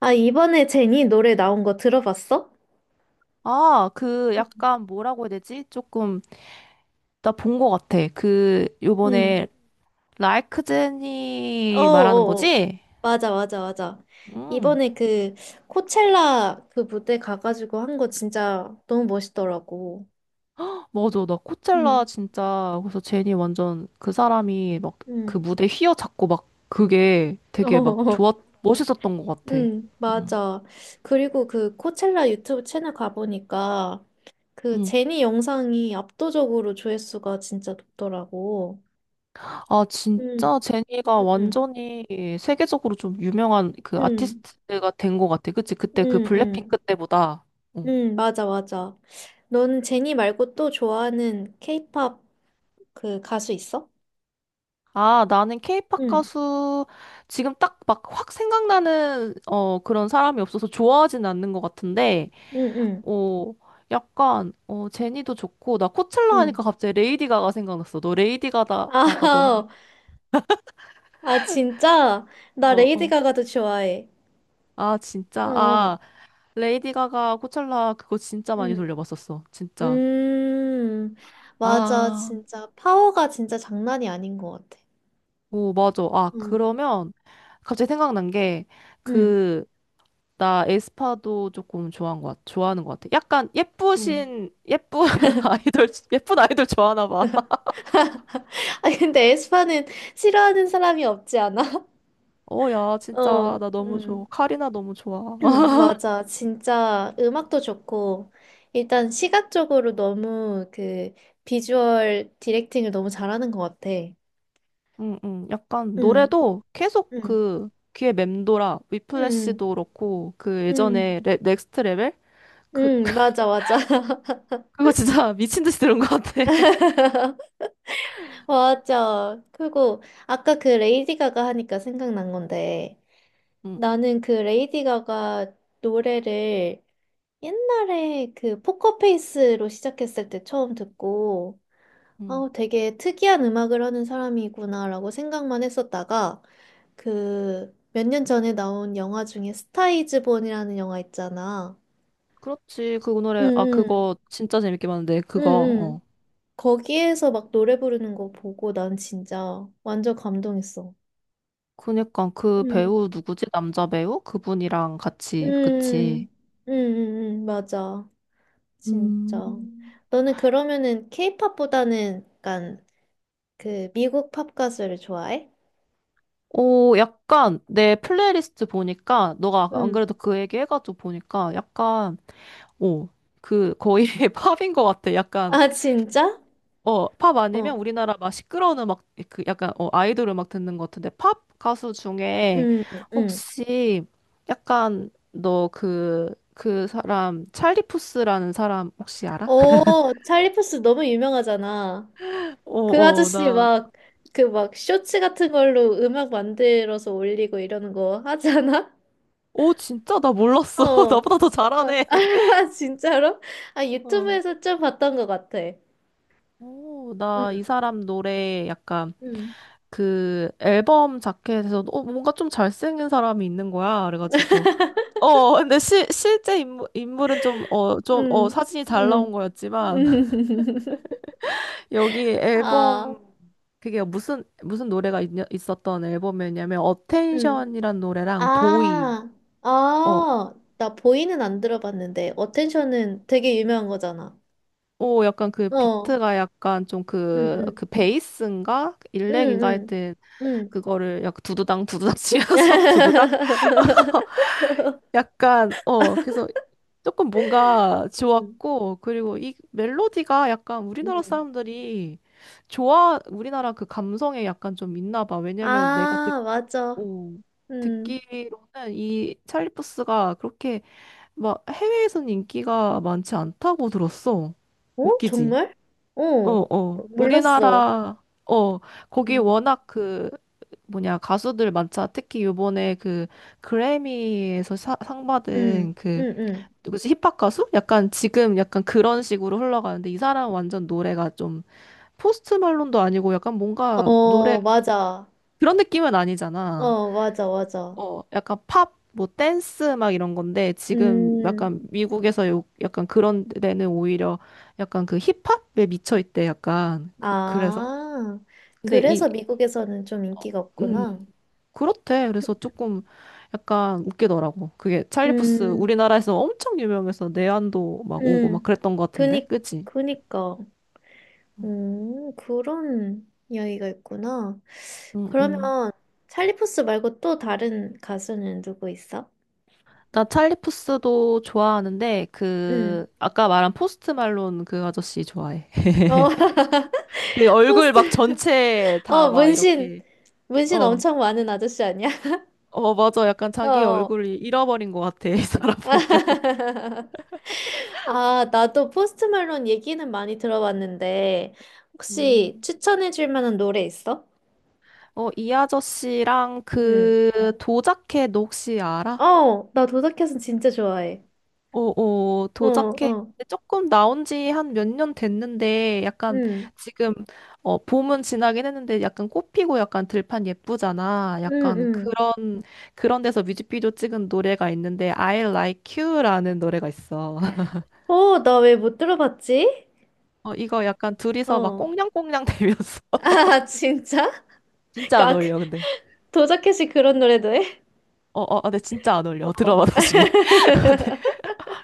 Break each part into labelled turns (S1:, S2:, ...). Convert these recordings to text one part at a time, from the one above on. S1: 아, 이번에 제니 노래 나온 거 들어봤어?
S2: 아, 그 약간 뭐라고 해야 되지? 조금 나 본 것 같아. 그
S1: 응.
S2: 요번에 라이크제니 말하는
S1: 어어어.
S2: 거지?
S1: 맞아, 맞아, 맞아.
S2: 음,
S1: 이번에 그 코첼라 그 무대 가가지고 한 거 진짜 너무 멋있더라고.
S2: 맞아. 나
S1: 응,
S2: 코첼라 진짜 그래서 제니 완전 그 사람이 막 그
S1: 응.
S2: 무대 휘어잡고 막 그게 되게 막
S1: 어,
S2: 좋았 멋있었던 것 같아.
S1: 응, 맞아. 그리고 그 코첼라 유튜브 채널 가보니까 그
S2: 음.
S1: 제니 영상이 압도적으로 조회수가 진짜 높더라고.
S2: 아,
S1: 응,
S2: 진짜 제니가
S1: 응, 응,
S2: 완전히 세계적으로 좀 유명한 그
S1: 응,
S2: 아티스트가 된 것 같아. 그치? 그때 그
S1: 응, 응.
S2: 블랙핑크 때보다. 어.
S1: 응 맞아, 맞아. 너는 제니 말고 또 좋아하는 케이팝 그 가수 있어?
S2: 아, 나는 케이팝
S1: 응,
S2: 가수 지금 딱 막 확 생각나는 그런 사람이 없어서 좋아하진 않는 것 같은데
S1: 응, 응,
S2: 어 약간 제니도 좋고 나 코첼라 하니까
S1: 응.
S2: 갑자기 레이디 가가 생각났어. 너 레이디 가다 가가도
S1: 아, 아, 진짜? 나
S2: 어
S1: 레이디
S2: 어.
S1: 가가도 좋아해.
S2: 아, 진짜.
S1: 어,
S2: 아, 레이디 가가 코첼라 그거 진짜 많이
S1: 응.
S2: 돌려봤었어. 진짜.
S1: 음, 맞아,
S2: 아,
S1: 진짜. 파워가 진짜 장난이 아닌 것 같아.
S2: 오, 맞아. 아,
S1: 응,
S2: 그러면 갑자기 생각난
S1: 응,
S2: 게그 나 에스파도 조금 좋아한 것 같 좋아하는 것 같아. 약간
S1: 응.
S2: 예쁜 아이돌, 예쁜 아이돌 좋아하나 봐.
S1: 아, 근데 에스파는 싫어하는 사람이 없지 않아?
S2: 어, 야,
S1: 어,
S2: 진짜, 나 너무
S1: 응.
S2: 좋아. 카리나 너무 좋아.
S1: 맞아. 진짜 음악도 좋고, 일단 시각적으로 너무 그 비주얼 디렉팅을 너무 잘하는 것 같아.
S2: 응, 응. 약간
S1: 응,
S2: 노래도 계속
S1: 응,
S2: 그 귀에 맴돌아.
S1: 응,
S2: 위플래시도 그렇고, 그
S1: 응,
S2: 예전에 넥스트 레벨? 그,
S1: 응, 맞아, 맞아.
S2: 그거 진짜 미친 듯이 들은 것 같아.
S1: 맞아. 그리고 아까 그 레이디 가가 하니까 생각난 건데,
S2: 응,
S1: 나는 그 레이디 가가 노래를 옛날에 그 포커페이스로 시작했을 때 처음 듣고,
S2: 응.
S1: 어, 되게 특이한 음악을 하는 사람이구나라고 생각만 했었다가 그 몇 년 전에 나온 영화 중에 스타이즈 본이라는 영화 있잖아.
S2: 그렇지. 그 노래, 아,
S1: 응응
S2: 그거 진짜 재밌게 봤는데, 그거,
S1: 응응
S2: 어.
S1: 거기에서 막 노래 부르는 거 보고 난 진짜 완전 감동했어.
S2: 그니까 그
S1: 응.
S2: 배우 누구지? 남자 배우? 그분이랑 같이,
S1: 응.
S2: 그치.
S1: 응. 응. 맞아. 진짜.
S2: 음.
S1: 너는 그러면은 케이팝보다는 약간 그 미국 팝 가수를 좋아해?
S2: 오, 약간 내 플레이리스트 보니까 너가 아까 안
S1: 응.
S2: 그래도 그 얘기 해가지고 보니까 약간 오, 그 거의 팝인 것 같아. 약간
S1: 아 진짜?
S2: 팝
S1: 어.
S2: 아니면 우리나라 막 시끄러운 음악 그 약간 아이돌 음악 듣는 것 같은데 팝 가수 중에
S1: 응. 응.
S2: 혹시 약간 너 그 사람 찰리 푸스라는 사람 혹시 알아?
S1: 어, 찰리 푸스 너무 유명하잖아.
S2: 어,
S1: 그
S2: 어,
S1: 아저씨
S2: 나.
S1: 막, 그 막 쇼츠 같은 걸로 음악 만들어서 올리고 이러는 거 하잖아?
S2: 오, 진짜 나
S1: 어.
S2: 몰랐어.
S1: 어.
S2: 나보다 더 잘하네.
S1: 아, 진짜로? 아,
S2: 어.
S1: 유튜브에서 좀 봤던 것 같아.
S2: 오,
S1: 응,
S2: 나 이 사람 노래 약간
S1: 응,
S2: 그 앨범 자켓에서 뭔가 좀 잘생긴 사람이 있는 거야. 그래가지고 근데 실제 인물은 좀 좀
S1: 응,
S2: 사진이 잘
S1: 응,
S2: 나온
S1: 응.
S2: 거였지만 여기
S1: 아,
S2: 앨범 그게 무슨 무슨 노래가 있었던 앨범이었냐면
S1: 응.
S2: 어텐션이란 노래랑 보이
S1: 아,
S2: 어
S1: 아, 나 보이는 안 들어봤는데, 어텐션은 되게 유명한 거잖아.
S2: 약간 그
S1: 어,
S2: 비트가 약간 좀
S1: 응,
S2: 그
S1: 응,
S2: 그 베이스인가
S1: 응,
S2: 일렉인가
S1: 응,
S2: 하여튼
S1: 응.
S2: 그거를 약간 두두당 두두당 치면서 두두당 약간, 그래서 조금 뭔가
S1: 음,
S2: 좋았고, 그리고 이 멜로디가 약간 우리나라
S1: 음.
S2: 사람들이 우리나라 그 감성에 약간 좀 있나 봐. 왜냐면 내가
S1: 아, 맞아.
S2: 어,
S1: 음.
S2: 듣기로는 이 찰리 푸스가 그렇게 막 해외에서는 인기가 많지 않다고 들었어.
S1: 어?
S2: 웃기지?
S1: 정말? 어,
S2: 어, 어.
S1: 몰랐어.
S2: 우리나라, 거기
S1: 음,
S2: 워낙 그, 뭐냐 가수들 많자 특히 요번에 그 그래미에서 상
S1: 음,
S2: 받은 그
S1: 음,
S2: 누구지? 힙합 가수? 약간 지금 약간 그런 식으로 흘러가는데 이 사람 완전 노래가 좀 포스트 말론도 아니고 약간 뭔가 노래
S1: 어, 맞아.
S2: 그런 느낌은 아니잖아.
S1: 어, 맞아, 맞아.
S2: 어, 약간 팝, 뭐 댄스 막 이런 건데 지금
S1: 음,
S2: 약간 미국에서 약간 그런 데는 오히려 약간 그 힙합에 미쳐 있대 약간 그, 그래서
S1: 아,
S2: 근데 이
S1: 그래서 미국에서는 좀 인기가 없구나.
S2: 음, 그렇대. 그래서 조금 약간 웃기더라고. 그게 찰리푸스
S1: 음,
S2: 우리나라에서 엄청 유명해서 내한도 막 오고 막
S1: 음,
S2: 그랬던 것 같은데,
S1: 그니,
S2: 그치?
S1: 그니까. 그런 이야기가 있구나.
S2: 음, 음.
S1: 그러면 찰리 푸스 말고 또 다른 가수는 누구 있어?
S2: 나 찰리 푸스도 좋아하는데
S1: 응.
S2: 그 아까 말한 포스트 말론 그 아저씨 좋아해.
S1: 어,
S2: 그 얼굴
S1: 포스트.
S2: 막 전체 다
S1: 어,
S2: 막 이렇게
S1: 문신
S2: 어.
S1: 엄청 많은 아저씨 아니야?
S2: 어, 맞아. 약간 자기
S1: 어.
S2: 얼굴 잃어버린 것 같아. 이 사람 보면.
S1: 아, 나도 포스트 말론 얘기는 많이 들어봤는데 혹시
S2: 음.
S1: 추천해 줄 만한 노래 있어?
S2: 어, 이 아저씨랑
S1: 응.
S2: 그 도자켓 너 혹시 알아?
S1: 어, 나 도덕켓은 진짜 좋아해.
S2: 어, 어,
S1: 어,
S2: 도자켓
S1: 어.
S2: 조금 나온 지 한 몇 년 됐는데 약간
S1: 응.
S2: 지금 봄은 지나긴 했는데 약간 꽃피고 약간 들판 예쁘잖아.
S1: 응,
S2: 약간 그
S1: 응.
S2: 그런 데서 뮤직비디오 찍은 노래가 있는데 I Like You라는 노래가 있어.
S1: 어, 나 왜 못 들어봤지?
S2: 어, 이거 약간 둘이서 막
S1: 어.
S2: 꽁냥꽁냥 대면서
S1: 아, 진짜?
S2: 진짜 안
S1: 까, 그-
S2: 어울려 근데.
S1: 도자켓이 그런 노래도 해?
S2: 어, 어, 어, 근데 진짜 안 어울려.
S1: 어.
S2: 들어봐 나중에. 근데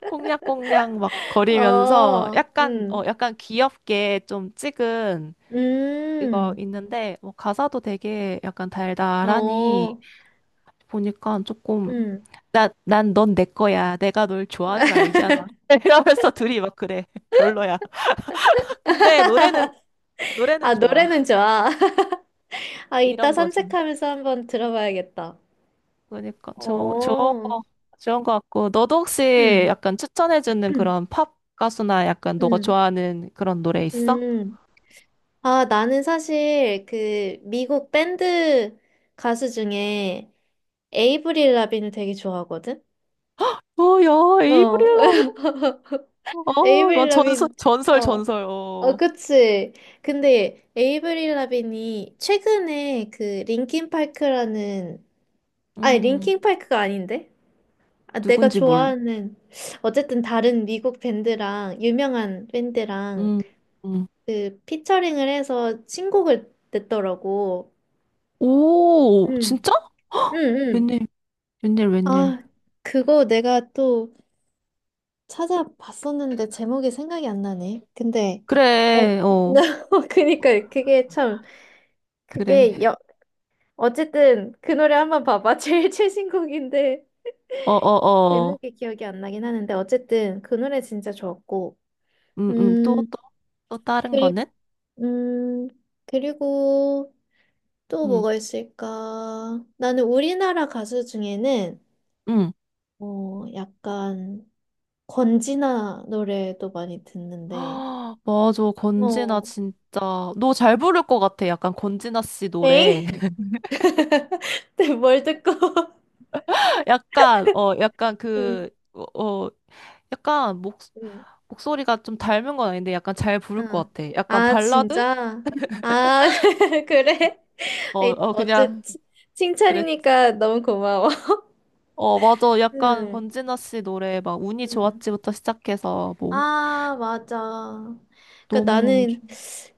S2: 꽁냥꽁냥 막 거리면서
S1: 어,
S2: 약간
S1: 음,
S2: 약간 귀엽게 좀 찍은 이거
S1: 음,
S2: 있는데 뭐 가사도 되게 약간 달달하니
S1: 어,
S2: 보니까 조금
S1: 음.
S2: 난 넌 내 거야. 내가 널 좋아하는 거 알잖아. 이러면서 둘이 막 그래. 별로야. 근데 노래는
S1: 아,
S2: 좋아.
S1: 노래는 좋아. 아, 이따
S2: 이런 거죠.
S1: 산책하면서 한번 들어봐야겠다.
S2: 그러니까 저
S1: 어,
S2: 거 좋은 거 같고 너도 혹시
S1: 음,
S2: 약간 추천해주는 그런 팝 가수나 약간 너가
S1: 음,
S2: 좋아하는 그런 노래 있어?
S1: 음. 아, 나는 사실 그 미국 밴드 가수 중에 에이브릴 라빈을 되게 좋아하거든?
S2: 어, 야,
S1: 어,
S2: 에이브릴 라빈. 어,
S1: 에이브릴
S2: 막 전설
S1: 라빈,
S2: 전설
S1: 어.
S2: 전설.
S1: 어,
S2: 어,
S1: 그치. 근데 에이브릴 라빈이 최근에 그 Linkin Park 라는 아니 링
S2: 음,
S1: 킹파크가 아닌데? 아, 내가
S2: 누군지 몰.
S1: 좋아하는 어쨌든 다른 미국 밴드랑 유명한 밴드랑
S2: 음, 음.
S1: 그 피처링을 해서 신곡을 냈더라고.
S2: 오,
S1: 응,
S2: 진짜?
S1: 응, 응.
S2: 웬일 웬일 웬일.
S1: 아, 그거 내가 또 찾아봤었는데 제목이 생각이 안 나네. 근데 어,
S2: 그래,
S1: 나 그니까 그게 참
S2: 그래.
S1: 그게 여, 어쨌든 그 노래 한번 봐봐. 제일 최신 곡인데
S2: 어, 어, 어.
S1: 제목이 기억이 안 나긴 하는데 어쨌든 그 노래 진짜 좋았고.
S2: 또,
S1: 음,
S2: 또, 또 다른
S1: 그리고
S2: 거는?
S1: 음, 그리고 또
S2: 음,
S1: 뭐가 있을까? 나는 우리나라 가수 중에는
S2: 음.
S1: 어, 약간 권진아 노래도 많이 듣는데.
S2: 아, 맞아. 권진아
S1: 어.
S2: 진짜 너 잘 부를 것 같아. 약간 권진아 씨 노래.
S1: 에잉? 근데 뭘 듣고?
S2: 약간 약간
S1: 응,
S2: 그 약간 목
S1: 응.
S2: 목소리가 좀 닮은 건 아닌데 약간 잘 부를
S1: 아,
S2: 것 같아. 약간
S1: 아,
S2: 발라드?
S1: 진짜? 아, 그래?
S2: 어,
S1: 에이,
S2: 어 그냥 그랬.
S1: 칭찬이니까 너무 고마워.
S2: 어, 맞아. 약간
S1: 음,
S2: 권진아 씨 노래 막 운이
S1: 음.
S2: 좋았지부터 시작해서 뭐
S1: 아, 맞아. 그러니까
S2: 너무너무 좋.
S1: 나는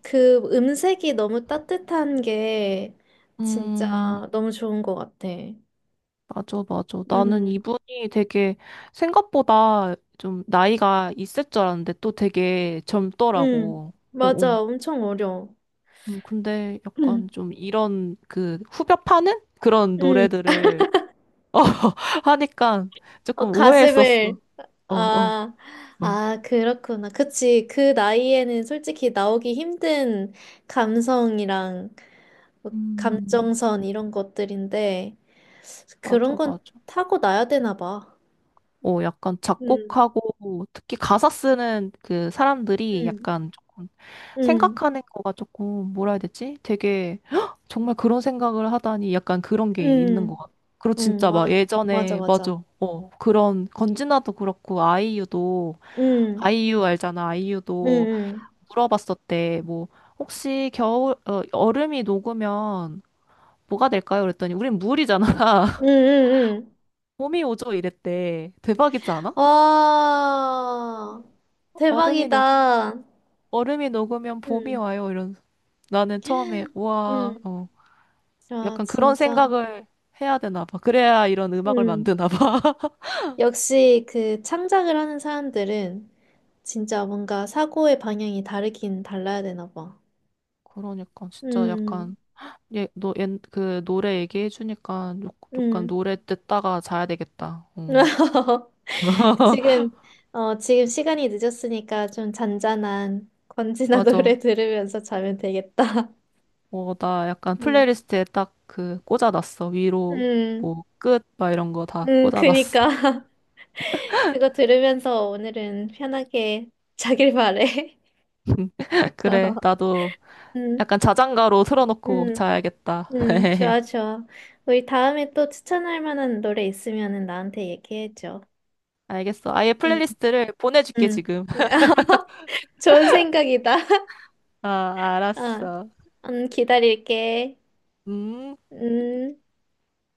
S1: 그 음색이 너무 따뜻한 게
S2: 음.
S1: 진짜 너무 좋은 것 같아.
S2: 맞아, 맞아.
S1: 음,
S2: 나는 이분이 되게 생각보다 좀 나이가 있을 줄 알았는데 또 되게
S1: 음,
S2: 젊더라고.
S1: 맞아.
S2: 어어.
S1: 엄청 어려워.
S2: 근데 약간
S1: 음,
S2: 좀 이런 그 후벼 파는 그런
S1: 음.
S2: 노래들을 하니까
S1: 어,
S2: 조금 의외했었어.
S1: 가슴을.
S2: 어, 어,
S1: 아,
S2: 어.
S1: 아, 그렇구나. 그치. 그 나이에는 솔직히 나오기 힘든 감성이랑 뭐
S2: 음,
S1: 감정선 이런 것들인데.
S2: 맞아,
S1: 그런 건
S2: 맞아.
S1: 타고나야 되나 봐.
S2: 어, 약간
S1: 응
S2: 작곡하고 특히 가사 쓰는 그 사람들이
S1: 응,
S2: 약간
S1: 응,
S2: 생각하는 거가 조금 뭐라 해야 되지? 되게 "헉! 정말 그런 생각을 하다니 약간 그런 게 있는 것
S1: 응,
S2: 같아. 그리고
S1: 응,
S2: 진짜 막
S1: 맞아,
S2: 예전에
S1: 맞아.
S2: 맞아. 그런 건진아도 그렇고 아이유도
S1: 응,
S2: 아이유 알잖아.
S1: 응,
S2: 아이유도
S1: 응,
S2: 물어봤었대. 뭐 혹시 겨울 얼음이 녹으면 뭐가 될까요? 그랬더니 우린 물이잖아.
S1: 응, 응,
S2: 봄이 오죠 이랬대. 대박이지
S1: 응.
S2: 않아?
S1: 와,
S2: 얼음이 녹
S1: 대박이다.
S2: 얼음이 녹으면 봄이
S1: 응,
S2: 와요. 이런 나는 처음에 와
S1: 응. 아,
S2: 약간 그런
S1: 진짜.
S2: 생각을 해야 되나 봐. 그래야 이런 음악을
S1: 응.
S2: 만드나 봐.
S1: 역시 그 창작을 하는 사람들은 진짜 뭔가 사고의 방향이 다르긴 달라야 되나 봐.
S2: 그러니까 진짜
S1: 응,
S2: 약간 그 노래 얘기해 주니까 약간
S1: 응.
S2: 노래 듣다가 자야 되겠다. 어.
S1: 지금, 지금 시간이 늦었으니까 좀 잔잔한 권지나
S2: 맞아.
S1: 노래 들으면서 자면 되겠다.
S2: 어, 나 약간
S1: 음.
S2: 플레이리스트에 딱 그 꽂아놨어. 위로
S1: 음,
S2: 뭐 끝 막 이런 거 다 꽂아놨어.
S1: 그니까. 그거 들으면서 오늘은 편하게 자길 바래. 어.
S2: 그래. 나도
S1: 음,
S2: 약간 자장가로 틀어놓고
S1: 음,
S2: 자야겠다.
S1: 좋아, 좋아. 우리 다음에 또 추천할 만한 노래 있으면은 나한테 얘기해줘.
S2: 알겠어. 아예
S1: 응
S2: 플레이리스트를 보내줄게
S1: 응
S2: 지금.
S1: 좋은 생각이다.
S2: 아,
S1: 어,
S2: 알았어.
S1: 기다릴게.
S2: 음.
S1: 음.